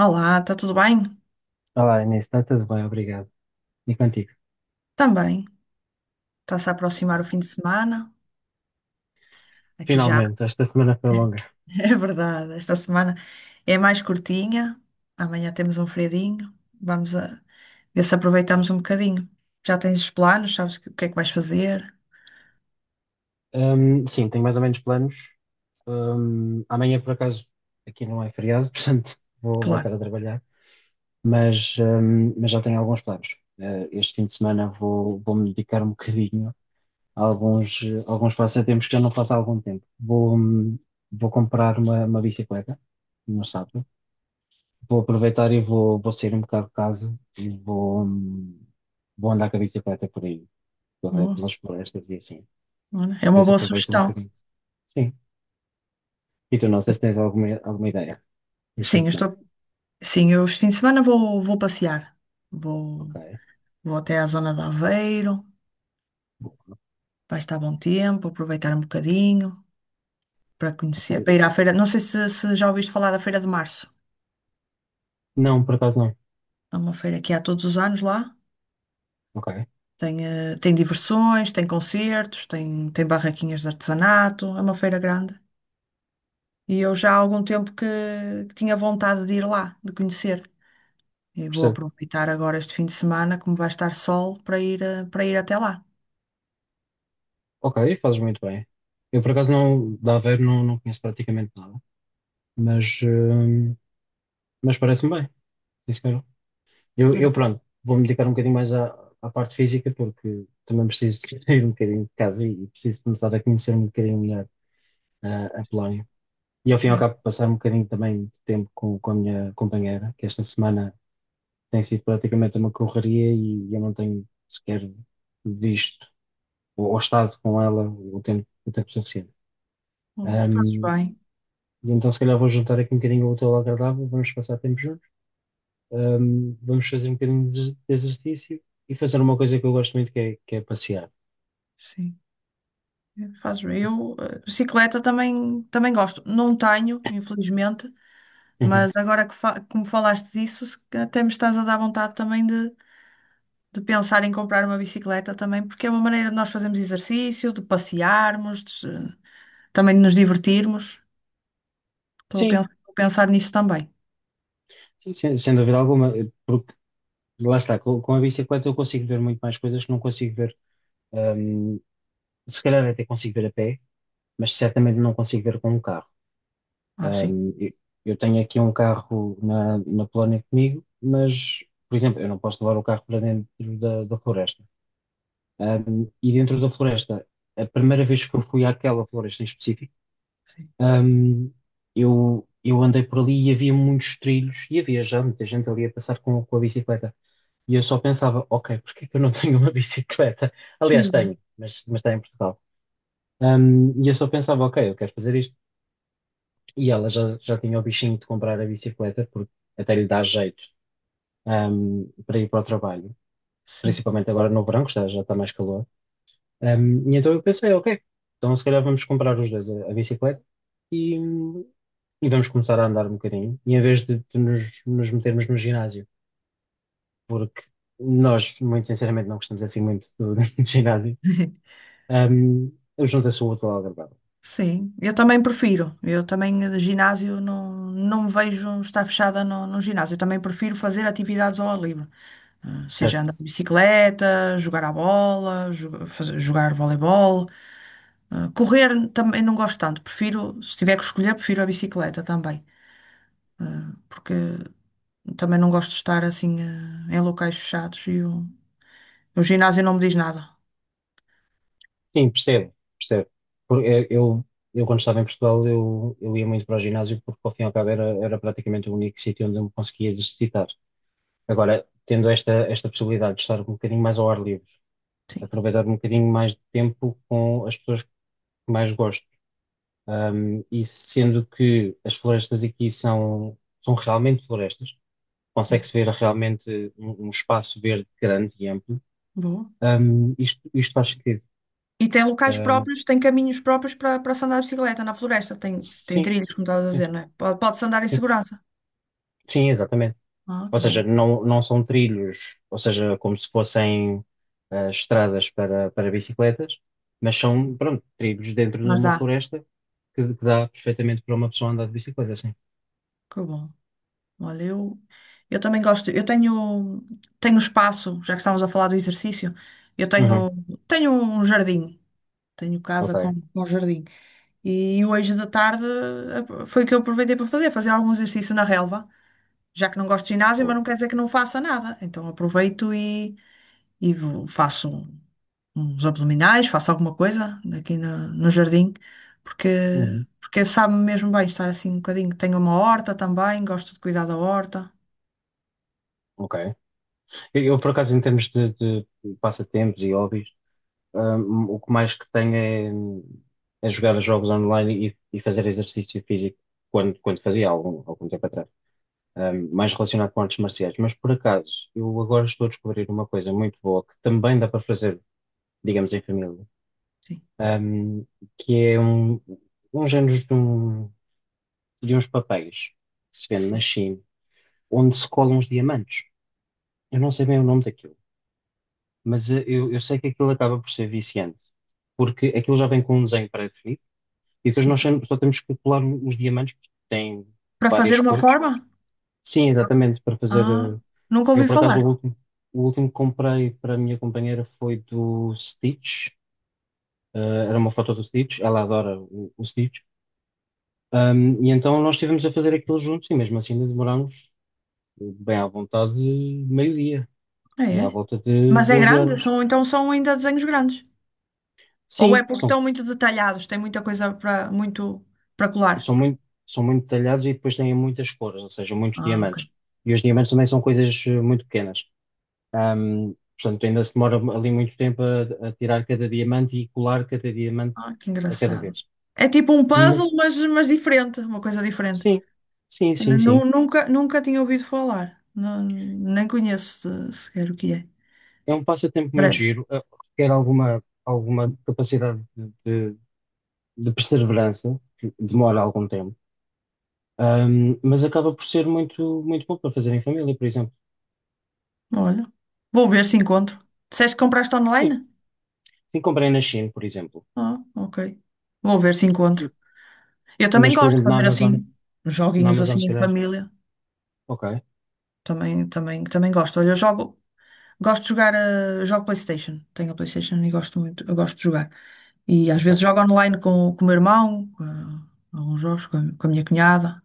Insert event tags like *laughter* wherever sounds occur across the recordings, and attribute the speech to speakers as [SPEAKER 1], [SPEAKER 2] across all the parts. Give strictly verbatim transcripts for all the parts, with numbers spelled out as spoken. [SPEAKER 1] Olá, está tudo bem?
[SPEAKER 2] Olá, Inês, está tudo bem, obrigado. E contigo?
[SPEAKER 1] Também. Está-se a aproximar o
[SPEAKER 2] Boa.
[SPEAKER 1] fim de semana. Aqui já,
[SPEAKER 2] Finalmente, esta semana foi longa.
[SPEAKER 1] *laughs* é verdade. Esta semana é mais curtinha. Amanhã temos um feriadinho. Vamos a ver se aproveitamos um bocadinho. Já tens os planos? Sabes o que é que vais fazer?
[SPEAKER 2] Ahm, sim, tenho mais ou menos planos. Ahm, amanhã, por acaso, aqui não é feriado, *laughs* portanto, vou voltar
[SPEAKER 1] Claro.
[SPEAKER 2] a trabalhar, mas, ahm, mas já tenho alguns planos. Eh, este fim de semana vou, vou me dedicar um bocadinho a alguns, eh, alguns passatempos que já não faço há algum tempo. Vou, hum, vou comprar uma, uma bicicleta no sábado. Vou aproveitar e vou, vou sair um bocado de casa e vou, hum, vou andar com a bicicleta por aí, pela-
[SPEAKER 1] Boa.
[SPEAKER 2] pelas florestas e assim.
[SPEAKER 1] Olha, é
[SPEAKER 2] A
[SPEAKER 1] uma
[SPEAKER 2] ver se
[SPEAKER 1] boa
[SPEAKER 2] aproveito um
[SPEAKER 1] sugestão.
[SPEAKER 2] bocadinho. Sim. E tu, não sei se tens alguma, alguma ideia este fim
[SPEAKER 1] Sim,
[SPEAKER 2] de
[SPEAKER 1] eu
[SPEAKER 2] semana.
[SPEAKER 1] estou. Sim, eu este fim de semana vou, vou passear. Vou,
[SPEAKER 2] Ok.
[SPEAKER 1] vou até à zona de Aveiro. Vai estar bom tempo, aproveitar um bocadinho para
[SPEAKER 2] Ok.
[SPEAKER 1] conhecer, para ir à feira. Não sei se, se já ouviste falar da Feira de Março.
[SPEAKER 2] Não, por acaso não.
[SPEAKER 1] É uma feira que há todos os anos lá.
[SPEAKER 2] Ok.
[SPEAKER 1] Tem, eh, tem diversões, tem concertos, tem, tem barraquinhas de artesanato. É uma feira grande. E eu já há algum tempo que, que tinha vontade de ir lá, de conhecer. E vou
[SPEAKER 2] Percebo.
[SPEAKER 1] aproveitar agora este fim de semana, como vai estar sol, para ir, eh, para ir até lá.
[SPEAKER 2] Ok, fazes muito bem. Eu, por acaso, não, da Aveiro não, não conheço praticamente nada, mas, hum, mas parece-me bem. Sim, senhora. Eu, eu,
[SPEAKER 1] É,
[SPEAKER 2] pronto, vou-me dedicar um bocadinho mais à, à parte física, porque também preciso *laughs* sair um bocadinho de casa e, e preciso começar a conhecer um bocadinho melhor ah, a Polónia. E ao fim e ao
[SPEAKER 1] é.
[SPEAKER 2] cabo passar um bocadinho também de tempo com, com a minha companheira, que esta semana tem sido praticamente uma correria e eu não tenho sequer visto ou, ou estado com ela o tempo, o tempo suficiente.
[SPEAKER 1] Pois, fazes
[SPEAKER 2] Ahm,
[SPEAKER 1] bem.
[SPEAKER 2] e então se calhar vou juntar aqui um bocadinho o útil ao agradável, vamos passar tempo juntos. Hum, vamos fazer um bocadinho de de exercício e fazer uma coisa que eu gosto muito, que é, que é passear.
[SPEAKER 1] Sim. Faço eu. eh, Bicicleta também, também gosto. Não tenho, infelizmente,
[SPEAKER 2] Uhum.
[SPEAKER 1] mas agora que, fa que me falaste disso, se até me estás a dar vontade também de, de pensar em comprar uma bicicleta também, porque é uma maneira de nós fazermos exercício, de passearmos, de se- também de nos divertirmos. Estou a
[SPEAKER 2] Sim,
[SPEAKER 1] pen- a pensar nisso também.
[SPEAKER 2] sim, sim. Sem, sem dúvida alguma, eh, porque lá está, com, com a bicicleta eu consigo ver muito mais coisas que não consigo ver, hum, se calhar até consigo ver a pé, mas certamente não consigo ver com um carro.
[SPEAKER 1] Ah, sim.
[SPEAKER 2] Hum, eu, eu tenho aqui um carro na, na Polónia comigo, mas, por exemplo, eu não posso levar o carro para dentro da, da floresta. Hum, e dentro da floresta, a primeira vez que eu fui àquela floresta em específico,
[SPEAKER 1] Sim.
[SPEAKER 2] Ahm, eu, eu andei por ali e havia muitos trilhos e havia já muita gente ali a passar com, com a bicicleta. E eu só pensava, ok, porque é que eu não *laughs* tenho uma bicicleta? Aliás, tenho,
[SPEAKER 1] Hum.
[SPEAKER 2] mas, mas está em Portugal. Ahm, e eu só pensava, ok, eu quero fazer isto. E ela já, já tinha o bichinho de comprar a bicicleta, porque até lhe dá jeito, ahm, para ir para o trabalho.
[SPEAKER 1] Sim.
[SPEAKER 2] Principalmente agora no verão, que está- já está mais calor. Um, e então eu pensei, ok, então se calhar vamos comprar os dois a, a bicicleta e, e vamos começar a andar um bocadinho, e em vez de, de nos, nos metermos no ginásio, porque nós, muito sinceramente, não gostamos assim muito do, *laughs* do ginásio,
[SPEAKER 1] *laughs*
[SPEAKER 2] um, eu juntei-se o útil ao agradável,
[SPEAKER 1] Sim, eu também prefiro. Eu também, eh, ginásio, não, não me vejo estar fechada no, num ginásio. Eu também prefiro fazer atividades ao ar livre. Ah,
[SPEAKER 2] certo?
[SPEAKER 1] seja andar de bicicleta, jogar à bola, jo- fazer- jogar voleibol. Eh, Correr também não gosto tanto. Prefiro, se tiver que escolher, prefiro a bicicleta também. Porque também não gosto de estar assim eh, em locais fechados e o, o ginásio não me diz nada.
[SPEAKER 2] Sim, percebo, percebo. Porque eu, eu, eu quando estava em Portugal, eu, eu ia muito para o ginásio porque, ao fim e ao cabo, era, era praticamente o único sítio onde eu me conseguia exercitar. Agora, tendo esta, esta possibilidade de estar um bocadinho mais ao ar livre,
[SPEAKER 1] Sim.
[SPEAKER 2] aproveitar um bocadinho mais de tempo com as pessoas que mais gosto. Um, e sendo que as florestas aqui são, são realmente florestas,
[SPEAKER 1] Sim.
[SPEAKER 2] consegue-se ver realmente um, um espaço verde grande e amplo,
[SPEAKER 1] Boa.
[SPEAKER 2] um, isto, isto faz sentido.
[SPEAKER 1] E tem locais
[SPEAKER 2] Um,
[SPEAKER 1] próprios, tem caminhos próprios para, para se andar de bicicleta na floresta. Tem, tem
[SPEAKER 2] sim,
[SPEAKER 1] trilhos, como estavas a
[SPEAKER 2] sim,
[SPEAKER 1] dizer, não é? Pode- Pode-se andar em
[SPEAKER 2] sim,
[SPEAKER 1] segurança.
[SPEAKER 2] sim, exatamente.
[SPEAKER 1] Ah,
[SPEAKER 2] Ou
[SPEAKER 1] que
[SPEAKER 2] seja,
[SPEAKER 1] bom.
[SPEAKER 2] não, não são trilhos, ou seja, como se fossem ah, estradas para, para bicicletas, mas são, pronto, trilhos dentro de
[SPEAKER 1] Mas
[SPEAKER 2] uma
[SPEAKER 1] dá.
[SPEAKER 2] floresta que, que dá perfeitamente para uma pessoa andar de bicicleta, sim.
[SPEAKER 1] Que bom. Olha, eu, eu também gosto. Eu tenho, tenho espaço, já que estamos a falar do exercício, eu
[SPEAKER 2] Uhum.
[SPEAKER 1] tenho, tenho um jardim. Tenho casa
[SPEAKER 2] Ok,
[SPEAKER 1] com, com jardim. E hoje da tarde eh, foi o que eu aproveitei para fazer, fazer algum exercício na relva, já que não gosto de ginásio, mas não
[SPEAKER 2] boa.
[SPEAKER 1] quer dizer que não faça nada. Então aproveito e, e vou- faço uns abdominais, faço alguma coisa aqui no, no jardim, porque,
[SPEAKER 2] Uhum.
[SPEAKER 1] porque sabe-me mesmo bem estar assim um bocadinho. Tenho uma horta também, gosto de cuidar da horta.
[SPEAKER 2] Ok. Eu, eu, por acaso, em termos de, de passatempos e hobbies, hum, o que mais que tenho é, é jogar jogos online e, e fazer exercício físico quando, quando fazia algum, algum tempo atrás. Hum, mais relacionado com artes marciais. Mas, por acaso, eu agora estou a descobrir uma coisa muito boa que também dá para fazer, digamos, em família, hum, que é um, um género de, um- de uns papéis que se vende na
[SPEAKER 1] Sim.
[SPEAKER 2] China, onde se colam os diamantes. Eu não sei bem o nome daquilo, mas eh, eu, eu sei que aquilo acaba por ser viciante, porque aquilo já vem com um desenho pré-definido e depois
[SPEAKER 1] Sim.
[SPEAKER 2] nós sem- só temos que colar o- os diamantes, porque tem
[SPEAKER 1] Para fazer
[SPEAKER 2] várias
[SPEAKER 1] uma
[SPEAKER 2] cores.
[SPEAKER 1] forma?
[SPEAKER 2] Sim, exatamente, para fazer.
[SPEAKER 1] Ah,
[SPEAKER 2] eh,
[SPEAKER 1] nunca
[SPEAKER 2] Eu,
[SPEAKER 1] ouvi
[SPEAKER 2] por acaso, o
[SPEAKER 1] falar.
[SPEAKER 2] último, o último que comprei para a minha companheira foi do Stitch, eh, era uma foto do Stitch, ela adora o, o Stitch. Ahm, e então nós estivemos a fazer aquilo juntos e mesmo assim demorámos eh, bem à vontade meio-dia,
[SPEAKER 1] É,
[SPEAKER 2] aí à
[SPEAKER 1] é.
[SPEAKER 2] volta de
[SPEAKER 1] Mas é
[SPEAKER 2] doze
[SPEAKER 1] grande?
[SPEAKER 2] horas.
[SPEAKER 1] São, então são ainda desenhos grandes. Ou é
[SPEAKER 2] Sim,
[SPEAKER 1] porque
[SPEAKER 2] são
[SPEAKER 1] estão muito detalhados, tem muita coisa para muito para colar.
[SPEAKER 2] são muito, são muito detalhados e depois têm muitas cores, ou seja, muitos
[SPEAKER 1] Ah, ok.
[SPEAKER 2] diamantes. E os diamantes também são coisas eh, muito pequenas. Ahm, Portanto, ainda se demora ali muito tempo a, a tirar cada diamante e colar cada diamante
[SPEAKER 1] Ah, que
[SPEAKER 2] a cada
[SPEAKER 1] engraçado.
[SPEAKER 2] vez.
[SPEAKER 1] É tipo um puzzle,
[SPEAKER 2] Mas
[SPEAKER 1] mas, mas diferente, uma coisa diferente.
[SPEAKER 2] sim, sim, sim,
[SPEAKER 1] Nu-
[SPEAKER 2] sim.
[SPEAKER 1] Nunca, nunca tinha ouvido falar. Não- nem conheço eh, sequer o que é.
[SPEAKER 2] É um passatempo muito
[SPEAKER 1] Parece.
[SPEAKER 2] giro, eh, requer alguma, alguma capacidade de, de- de perseverança, que demora algum tempo. Ahm, mas acaba por ser muito, muito bom para fazer em família, por exemplo.
[SPEAKER 1] Olha, vou ver se encontro. Disseste que compraste
[SPEAKER 2] Sim,
[SPEAKER 1] online?
[SPEAKER 2] sim, comprei na China, por exemplo.
[SPEAKER 1] Ah, ok. Vou ver se encontro. Eu também
[SPEAKER 2] Mas, por
[SPEAKER 1] gosto de
[SPEAKER 2] exemplo, na
[SPEAKER 1] fazer
[SPEAKER 2] Amazon,
[SPEAKER 1] assim,
[SPEAKER 2] na
[SPEAKER 1] joguinhos
[SPEAKER 2] Amazon,
[SPEAKER 1] assim
[SPEAKER 2] se
[SPEAKER 1] em
[SPEAKER 2] calhar.
[SPEAKER 1] família.
[SPEAKER 2] Ok,
[SPEAKER 1] Também, também, também gosto. Olha, eu jogo, gosto de jogar, eh, jogo PlayStation. Tenho a PlayStation e gosto muito, eu gosto de jogar. E às vezes
[SPEAKER 2] ok.
[SPEAKER 1] jogo online com, com o meu irmão, com, eh, alguns jogos com, a com a minha cunhada.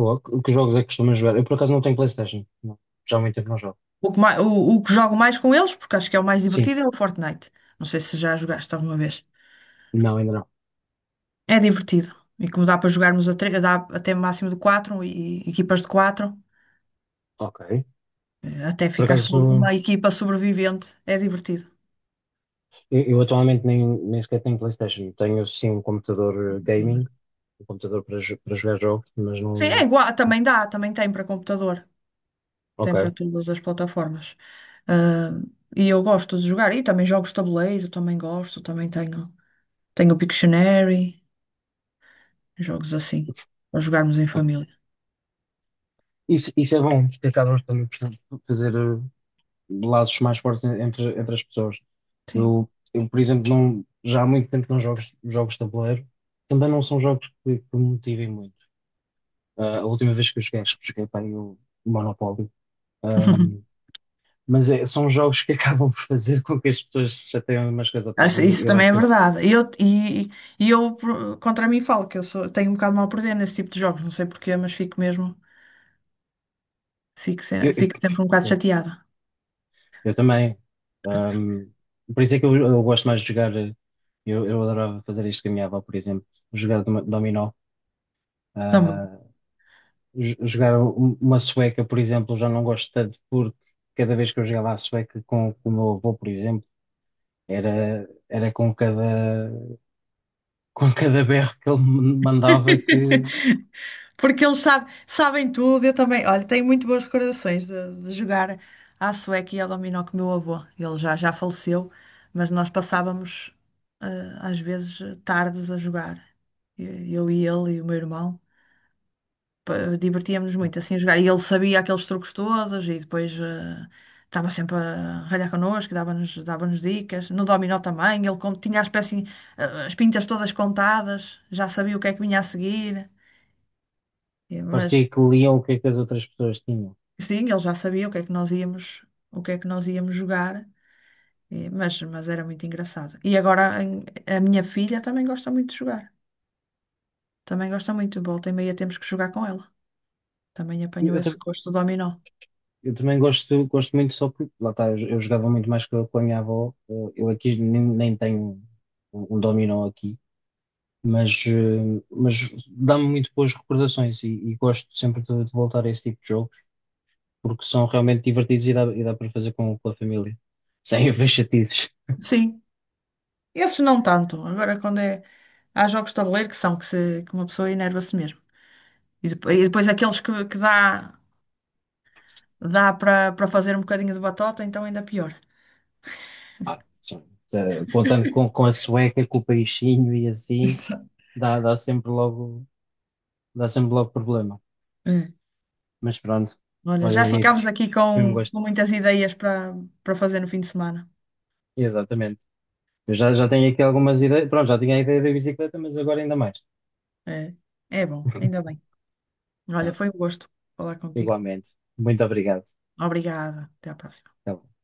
[SPEAKER 2] Boa. Que que jogos é que costumas jogar? Eu, por acaso, não tenho PlayStation. Não. Já há muito tempo não jogo.
[SPEAKER 1] O que, mai- o, o que jogo mais com eles, porque acho que é o mais
[SPEAKER 2] Sim,
[SPEAKER 1] divertido, é o Fortnite. Não sei se já jogaste alguma vez.
[SPEAKER 2] não, ainda não.
[SPEAKER 1] É divertido. E como dá para jogarmos a tre- dá até máximo de quatro e equipas de quatro,
[SPEAKER 2] Ok.
[SPEAKER 1] eh, até
[SPEAKER 2] Por
[SPEAKER 1] ficar só
[SPEAKER 2] acaso,
[SPEAKER 1] uma equipa sobrevivente, é divertido.
[SPEAKER 2] eu, eu atualmente nem, nem sequer tenho PlayStation. Tenho, sim, um computador eh, gaming, um computador para, jo- para jogar jogos, mas
[SPEAKER 1] Sim, é
[SPEAKER 2] não.
[SPEAKER 1] igual, também dá, também tem para computador, tem para
[SPEAKER 2] Ok.
[SPEAKER 1] todas as plataformas. Ah, e eu gosto de jogar, e também jogos de tabuleiro, também gosto, também tenho, tenho o Pictionary, jogos assim, para jogarmos em família.
[SPEAKER 2] Isso, isso é bom, porque acabas também por fazer eh, laços mais fortes entre, entre as pessoas.
[SPEAKER 1] Sim.
[SPEAKER 2] Eu, eu, por exemplo, não, já há muito tempo que não jogo jogos de tabuleiro. Também não são jogos que, que me motivem muito. Ah, a última vez que eu joguei, acho que joguei para aí o Monopólio. Ahm,
[SPEAKER 1] *laughs*
[SPEAKER 2] mas é- são jogos que *laughs* acabam por fazer com que as pessoas se chateiem umas com as outras. E
[SPEAKER 1] Acho-
[SPEAKER 2] eu,
[SPEAKER 1] Isso
[SPEAKER 2] eu
[SPEAKER 1] também
[SPEAKER 2] às
[SPEAKER 1] é
[SPEAKER 2] vezes.
[SPEAKER 1] verdade. E eu, e, e eu por- contra mim falo que eu sou, tenho um bocado mal a perder nesse tipo de jogos, não sei porquê, mas fico mesmo, fico, se-
[SPEAKER 2] Eu, eu,
[SPEAKER 1] fico sempre um bocado chateada.
[SPEAKER 2] eu também. Ahm, por isso é que eu, eu gosto mais de jogar. eh, Eu, eu adorava fazer isto com a minha avó, por exemplo. Jogar dom- dominó.
[SPEAKER 1] Também.
[SPEAKER 2] Ah, j- jogar um- uma sueca, por exemplo, já não gosto tanto porque cada vez que eu jogava a sueca com, com o meu avô, por exemplo, era, era com cada, *laughs* com cada berro que ele me mandava que
[SPEAKER 1] *laughs* Porque eles sabe- sabem tudo, eu também. Olha, tenho muito boas recordações de, de jogar à sueca e ao dominó com o meu avô. Ele já, já faleceu, mas nós passávamos, eh, às vezes, tardes a jogar. E- Eu e ele e o meu irmão. Pa- Divertíamos-nos muito assim a jogar. E ele sabia aqueles truques todos e depois eh, estava sempre a ralhar connosco, dava-nos dava-nos dicas. No dominó também, ele como tinha as peças, eh, as pintas todas contadas, já sabia o que é que vinha a seguir. É, mas
[SPEAKER 2] parecia que liam o que é que as outras pessoas tinham.
[SPEAKER 1] sim, ele já sabia o que é que nós íamos, o que é que nós íamos jogar, eh, mas, mas era muito engraçado. E agora em- a minha filha também gosta muito de jogar. Também gosta muito. Volta e meia temos que jogar com ela. Também
[SPEAKER 2] Eu,
[SPEAKER 1] apanhou
[SPEAKER 2] eu
[SPEAKER 1] esse
[SPEAKER 2] tam-
[SPEAKER 1] gosto do dominó.
[SPEAKER 2] eu também gosto, gosto muito só porque, lá está, eu, eu jogava muito mais com, a com a minha avó, eu, eu aqui nem, nem tenho um, um dominó aqui. Mas, eh, mas dá-me muito boas recordações e, e gosto sempre de, de voltar a esse tipo de jogo, porque são realmente divertidos e dá, e dá para fazer com, com a família, sem haver chatices.
[SPEAKER 1] Sim, esses não tanto. Agora quando é. Há jogos de tabuleiro que são que, se, que uma pessoa enerva-se mesmo. E depo- e
[SPEAKER 2] Sim,
[SPEAKER 1] depois, aqueles que, que dá, dá para para fazer um bocadinho de batota, então ainda pior.
[SPEAKER 2] ah, sim. Eh, Contando com, com a sueca, com o peixinho e assim,
[SPEAKER 1] *laughs*
[SPEAKER 2] dá, dá sempre logo, dá sempre logo problema.
[SPEAKER 1] É.
[SPEAKER 2] Mas pronto,
[SPEAKER 1] Olha, já
[SPEAKER 2] olhem
[SPEAKER 1] ficámos
[SPEAKER 2] nisso,
[SPEAKER 1] aqui
[SPEAKER 2] foi um
[SPEAKER 1] com,
[SPEAKER 2] gosto.
[SPEAKER 1] com muitas ideias para para fazer no fim de semana.
[SPEAKER 2] Exatamente. Eu já, já tenho aqui algumas ideias, pronto, já tinha a ideia da bicicleta, mas agora ainda mais.
[SPEAKER 1] É, é bom, ainda bem. Olha,
[SPEAKER 2] Tá
[SPEAKER 1] foi um
[SPEAKER 2] bom.
[SPEAKER 1] gosto falar contigo.
[SPEAKER 2] Igualmente. Muito obrigado.
[SPEAKER 1] Obrigada. Até à próxima.
[SPEAKER 2] Tá bom.